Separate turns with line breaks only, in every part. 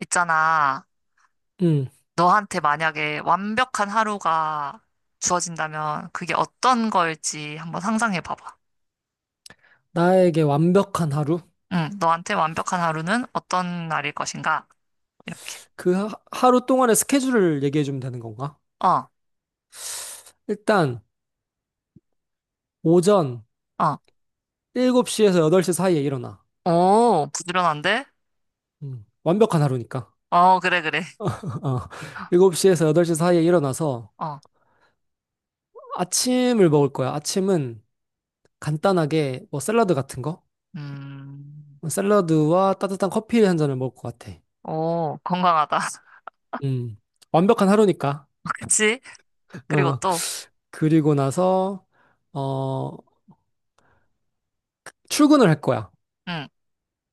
있잖아.
음,
너한테 만약에 완벽한 하루가 주어진다면 그게 어떤 걸지 한번 상상해 봐봐.
나에게 완벽한 하루?
응, 너한테 완벽한 하루는 어떤 날일 것인가? 이렇게.
그 하루 동안의 스케줄을 얘기해 주면 되는 건가?
어,
일단, 오전
어.
7시에서 8시 사이에 일어나.
오, 부지런한데?
완벽한 하루니까.
어, 그래, 그래.
어, 7시에서 8시 사이에 일어나서
어,
아침을 먹을 거야. 아침은 간단하게 뭐 샐러드 같은 거?
음,
샐러드와 따뜻한 커피 한 잔을 먹을 것 같아.
오, 건강하다.
음, 완벽한 하루니까.
그치? 그리고
어,
또,
그리고 나서, 어, 출근을 할 거야.
응,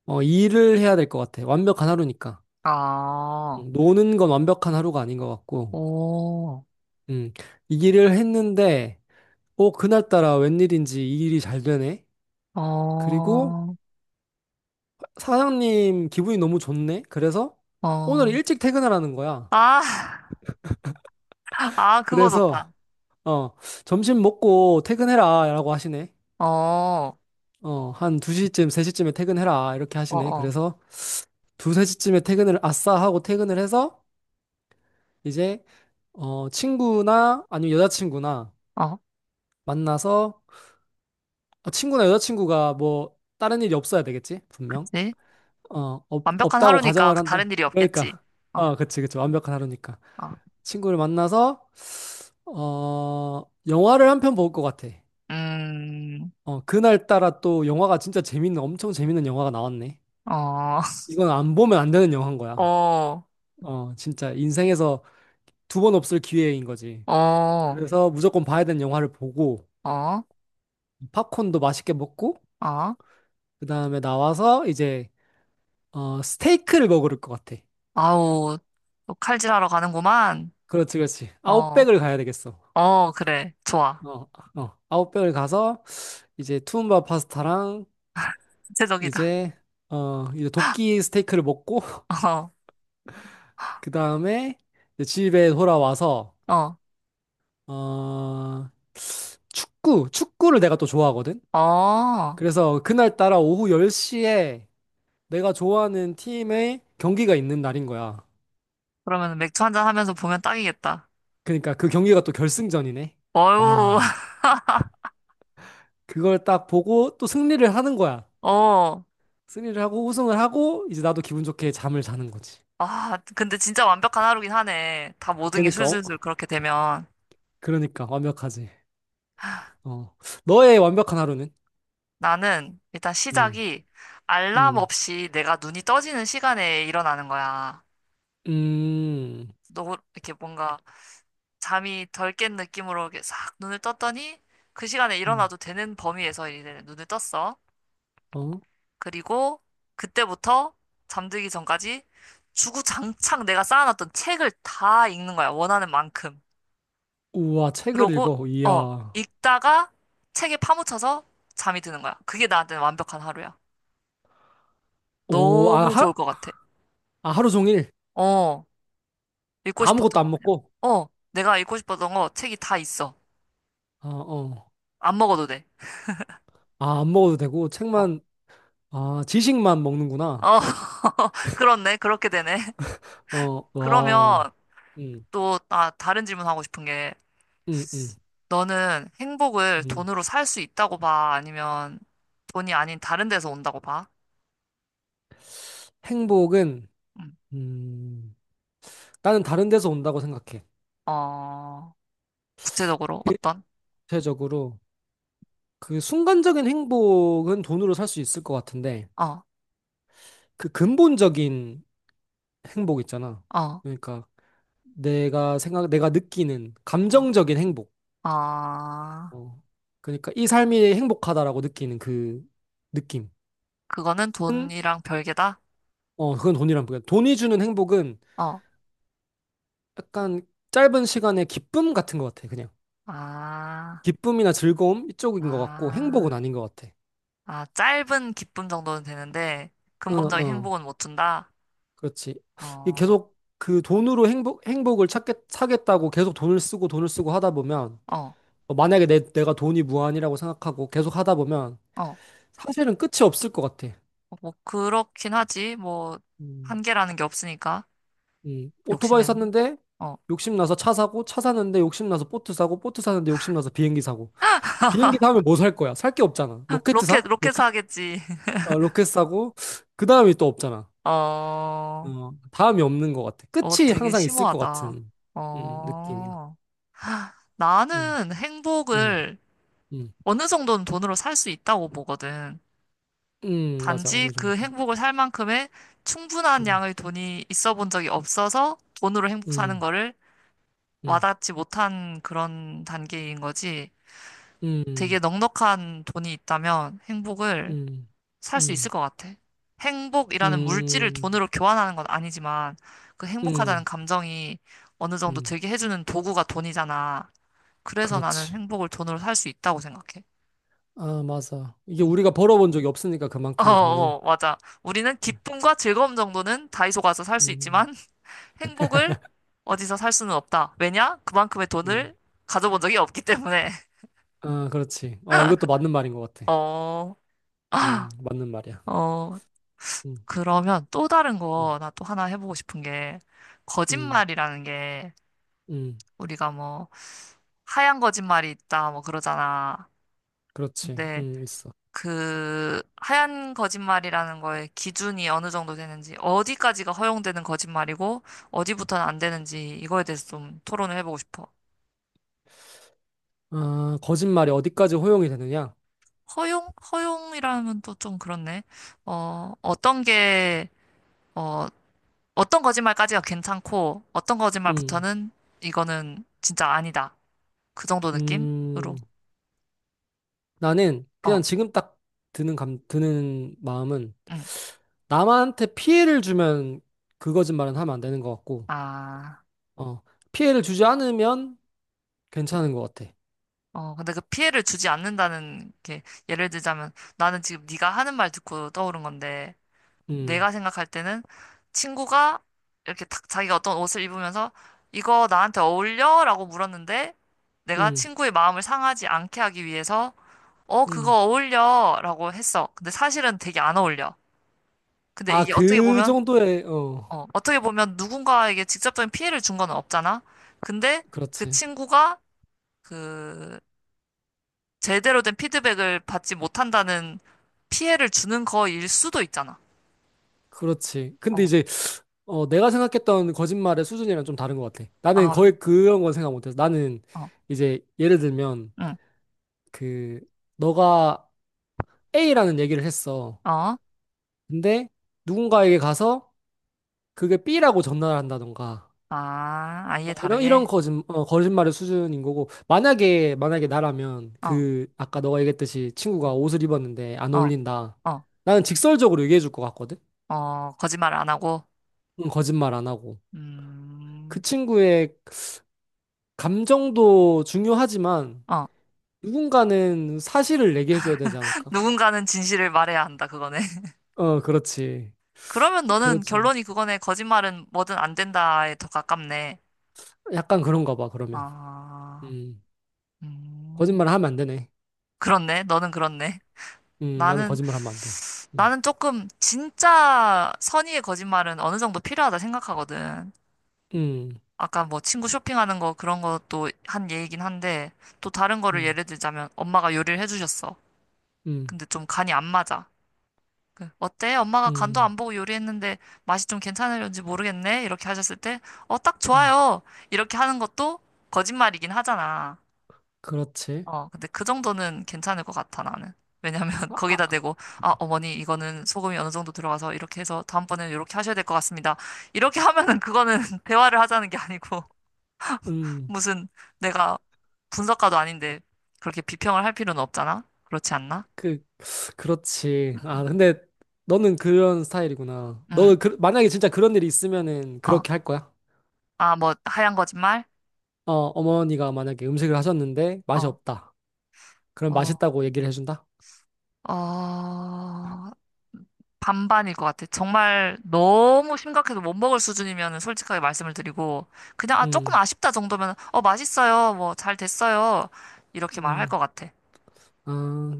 일을 해야 될 것 같아. 완벽한 하루니까.
어,
노는 건 완벽한 하루가 아닌 것 같고,
오,
음, 이 일을 했는데, 그날따라 웬일인지 이 일이 잘 되네?
어,
그리고 사장님 기분이 너무 좋네? 그래서 오늘
어.
일찍 퇴근하라는 거야.
아, 아, 그거
그래서,
좋다.
어, 점심 먹고 퇴근해라, 라고 하시네.
어, 어,
한 2시쯤, 3시쯤에 퇴근해라, 이렇게 하시네.
어.
그래서 2, 3시쯤에 퇴근을 아싸 하고 퇴근을 해서, 이제, 친구나 아니면 여자친구나
어,
만나서 아, 친구나 여자친구가 뭐 다른 일이 없어야 되겠지? 분명.
그치? 완벽한
없다고
하루니까
가정을 한다.
다른 일이 없겠지.
그러니까.
어,
어, 그치, 그치. 완벽한 하루니까.
어,
친구를 만나서, 영화를 한 편 볼 것 같아.
음,
그날따라 또 영화가 진짜 재밌는, 엄청 재밌는 영화가 나왔네.
어,
이건 안 보면 안 되는 영화인 거야.
어,
진짜 인생에서 두 번 없을 기회인 거지.
어,
그래서 무조건 봐야 되는 영화를 보고,
어,
팝콘도 맛있게 먹고,
어,
그 다음에 나와서 이제, 스테이크를 먹을 것 같아.
아우, 또 칼질하러 가는구만.
그렇지, 그렇지.
어,
아웃백을 가야 되겠어.
어, 그래. 좋아.
어, 어. 아웃백을 가서 이제 투움바 파스타랑
구체적이다.
이제 이제 도끼 스테이크를 먹고 그 다음에 집에 돌아와서
어, 어,
어 축구를 내가 또 좋아하거든.
어.
그래서 그날 따라 오후 10시에 내가 좋아하는 팀의 경기가 있는 날인 거야.
그러면 맥주 한 잔 하면서 보면 딱이겠다.
그러니까 그 경기가 또 결승전이네.
어유,
와, 그걸 딱 보고 또 승리를 하는 거야.
어.
승리를 하고 우승을 하고 이제 나도 기분 좋게 잠을 자는 거지.
아, 근데 진짜 완벽한 하루긴 하네. 다 모든 게
그러니까 어,
술술술 그렇게 되면.
그러니까 완벽하지. 어. 너의 완벽한 하루는?
나는 일단
음.
시작이 알람
음.
없이 내가 눈이 떠지는 시간에 일어나는 거야.
음.
너 이렇게 뭔가 잠이 덜 깬 느낌으로 이렇게 싹 눈을 떴더니 그 시간에
음.
일어나도 되는 범위에서 이제 눈을 떴어.
어?
그리고 그때부터 잠들기 전까지 주구장창 내가 쌓아놨던 책을 다 읽는 거야. 원하는 만큼.
우와, 책을
그러고
읽어. 이야.
읽다가 책에 파묻혀서 잠이 드는 거야. 그게 나한테는 완벽한 하루야.
오, 아,
너무 좋을 것 같아.
아, 하루 종일
어. 읽고 싶었던
아무것도
거
안
그냥.
먹고.
어, 내가 읽고 싶었던 거 책이 다 있어.
아, 어.
안 먹어도 돼.
아, 안 먹어도 되고
어,
책만 아, 지식만 먹는구나.
어, 그렇네. 그렇게 되네.
어,
그러면
와. 음.
또, 아, 다른 질문 하고 싶은 게,
음, 음.
너는 행복을
음.
돈으로 살 수 있다고 봐? 아니면 돈이 아닌 다른 데서 온다고 봐?
행복은
음.
음. 나는 다른 데서 온다고 생각해.
어, 구체적으로 어떤?
대체적으로 그 순간적인 행복은 돈으로 살 수 있을 것 같은데
어,
그 근본적인 행복 있잖아.
어,
그러니까 내가 느끼는
음.
감정적인 행복.
아,
어. 그러니까 이 삶이 행복하다라고 느끼는 그 느낌은
그거는 돈이랑 별개다?
그건 돈이란 말이야. 돈이 주는 행복은
어,
약간 짧은 시간의 기쁨 같은 것 같아. 그냥
아,
기쁨이나 즐거움 이쪽인 것 같고
아.
행복은 아닌 것 같아.
아, 짧은 기쁨 정도는 되는데, 근본적인
어어
행복은 못 준다?
그렇지. 이
어,
계속 그 돈으로 행복을 사겠다고 계속 돈을 쓰고 돈을 쓰고 하다 보면,
어,
만약에 내가 돈이 무한이라고 생각하고 계속 하다 보면,
어.
사실은 끝이 없을 것 같아.
뭐, 그렇긴 하지. 뭐,
음,
한계라는 게 없으니까,
오토바이
욕심에는.
샀는데,
어.
욕심나서 차 사고, 차 사는데 욕심나서 보트 사고, 보트 사는데 욕심나서 비행기 사고. 비행기 사면 뭐 살 거야? 살 게 없잖아. 로켓
로켓,
사?
로켓
로켓,
사겠지.
어, 로켓 사고, 그 다음이 또 없잖아.
어,
어, 다음이 없는 것 같아.
어,
끝이
되게
항상 있을 것
심오하다.
같은, 느낌이야.
어,
음,
나는
음,
행복을
음.
어느 정도는 돈으로 살 수 있다고 보거든.
맞아.
단지
어느
그
정도.
행복을 살 만큼의 충분한
음,
양의 돈이 있어 본 적이 없어서 돈으로 행복 사는
음,
거를
음,
와닿지 못한 그런 단계인 거지. 되게
음,
넉넉한 돈이 있다면 행복을
음,
살 수 있을
음,
것 같아. 행복이라는 물질을
음,
돈으로 교환하는 건 아니지만 그
음,
행복하다는 감정이 어느 정도
음.
되게 해주는 도구가 돈이잖아. 그래서 나는
그렇지.
행복을 돈으로 살 수 있다고 생각해.
아, 맞아. 이게
응.
우리가 벌어본 적이 없으니까
어,
그만큼의 돈을.
어, 맞아. 우리는 기쁨과 즐거움 정도는 다이소 가서 살 수
음,
있지만 행복을 어디서 살 수는 없다. 왜냐? 그만큼의
음.
돈을 가져본 적이 없기 때문에.
아, 그렇지. 이것도 맞는 말인 것 같아.
어.
맞는 말이야.
어,
음,
그러면 또 다른
음,
거 나 또 하나 해보고 싶은 게,
음,
거짓말이라는 게,
음.
우리가 뭐, 하얀 거짓말이 있다, 뭐 그러잖아.
그렇지.
근데
있어.
그, 하얀 거짓말이라는 거에 기준이 어느 정도 되는지, 어디까지가 허용되는 거짓말이고, 어디부터는 안 되는지, 이거에 대해서 좀 토론을 해보고 싶어.
아, 거짓말이 어디까지 허용이 되느냐?
허용? 허용이라면 또 좀 그렇네. 어, 어떤 게, 어, 어떤 거짓말까지가 괜찮고, 어떤
음,
거짓말부터는 이거는 진짜 아니다. 그 정도
음.
느낌으로.
나는
어,
그냥 지금 딱 드는 마음은
응.
남한테 피해를 주면 그 거짓말은 하면 안 되는 것 같고,
아,
어, 피해를 주지 않으면 괜찮은 것 같아.
어, 근데 그 피해를 주지 않는다는 게, 예를 들자면, 나는 지금 네가 하는 말 듣고 떠오른 건데,
음,
내가 생각할 때는 친구가 이렇게 탁 자기가 어떤 옷을 입으면서, 이거 나한테 어울려? 라고 물었는데, 내가
음,
친구의 마음을 상하지 않게 하기 위해서, 어,
음.
그거 어울려? 라고 했어. 근데 사실은 되게 안 어울려. 근데
아,
이게 어떻게
그
보면,
정도의,
어, 어떻게 보면 누군가에게 직접적인 피해를 준 건 없잖아. 근데 그
그렇지.
친구가 그 제대로 된 피드백을 받지 못한다는 피해를 주는 거일 수도 있잖아.
그렇지. 근데
어,
이제, 내가 생각했던 거짓말의 수준이랑 좀 다른 것 같아. 나는
아,
거의 그런 건 생각 못해서. 나는
어,
이제, 예를 들면,
응,
그, 너가 A라는 얘기를 했어.
어,
근데 누군가에게 가서 그게 B라고 전달한다던가.
아, 아예
어, 이런 이런
다르게,
거짓말의 수준인 거고 만약에 나라면
어,
그 아까 너가 얘기했듯이 친구가 옷을 입었는데 안
어,
어울린다.
어,
나는 직설적으로 얘기해 줄 것 같거든.
어, 거짓말 안 하고,
응, 거짓말 안 하고 그
음,
친구의 감정도 중요하지만
어,
누군가는 사실을 얘기해 줘야 되지 않을까?
누군가는 진실을 말해야 한다, 그거네.
어, 그렇지,
그러면 너는
그렇지.
결론이 그거네. 거짓말은 뭐든 안 된다에 더 가깝네.
약간 그런가 봐. 그러면
아,
음,
음.
거짓말 하면 안 되네.
그렇네. 너는 그렇네.
나는
나는,
거짓말 하면 안 돼. 음,
나는 조금 진짜 선의의 거짓말은 어느 정도 필요하다 생각하거든.
음,
아까 뭐 친구 쇼핑하는 거 그런 것도 한 얘기긴 한데 또 다른 거를
음,
예를 들자면 엄마가 요리를 해주셨어.
음,
근데 좀 간이 안 맞아. 그, 어때? 엄마가 간도
음,
안 보고 요리했는데 맛이 좀 괜찮을지 모르겠네? 이렇게 하셨을 때, 어, 딱
음.
좋아요. 이렇게 하는 것도 거짓말이긴 하잖아.
그렇지.
어, 근데 그 정도는 괜찮을 것 같아, 나는. 왜냐면
아,
거기다
아,
대고, 아, 어머니, 이거는 소금이 어느 정도 들어가서 이렇게 해서 다음번에는 이렇게 하셔야 될 것 같습니다. 이렇게 하면은 그거는 대화를 하자는 게 아니고,
음,
무슨 내가 분석가도 아닌데 그렇게 비평을 할 필요는 없잖아? 그렇지 않나?
그, 그렇지.
응,
아, 근데 너는 그런 스타일이구나.
응,
너는 만약에 진짜 그런 일이 있으면은
어.
그렇게 할 거야?
아, 뭐, 하얀 거짓말?
어머니가 만약에 음식을 하셨는데 맛이
어,
없다. 그럼
어,
맛있다고 얘기를 해준다?
어. 반반일 것 같아. 정말 너무 심각해서 못 먹을 수준이면 솔직하게 말씀을 드리고, 그냥, 아, 조금
음,
아쉽다 정도면, 어, 맛있어요. 뭐, 잘 됐어요. 이렇게 말할
음,
것 같아.
아,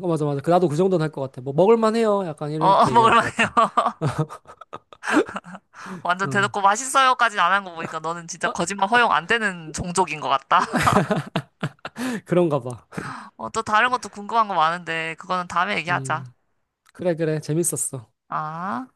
어, 맞아, 맞아. 나도 그 정도는 할 것 같아. 뭐, 먹을만 해요. 약간
어, 어,
이렇게 얘기할 것
먹을만해요.
같아.
완전
어,
대놓고 맛있어요까지는 안 한 거 보니까 너는 진짜
아,
거짓말 허용 안 되는 종족인 것 같다.
그런가 봐.
어, 또 다른 것도 궁금한 거 많은데, 그거는 다음에 얘기하자.
음, 그래, 그래. 재밌었어.
아.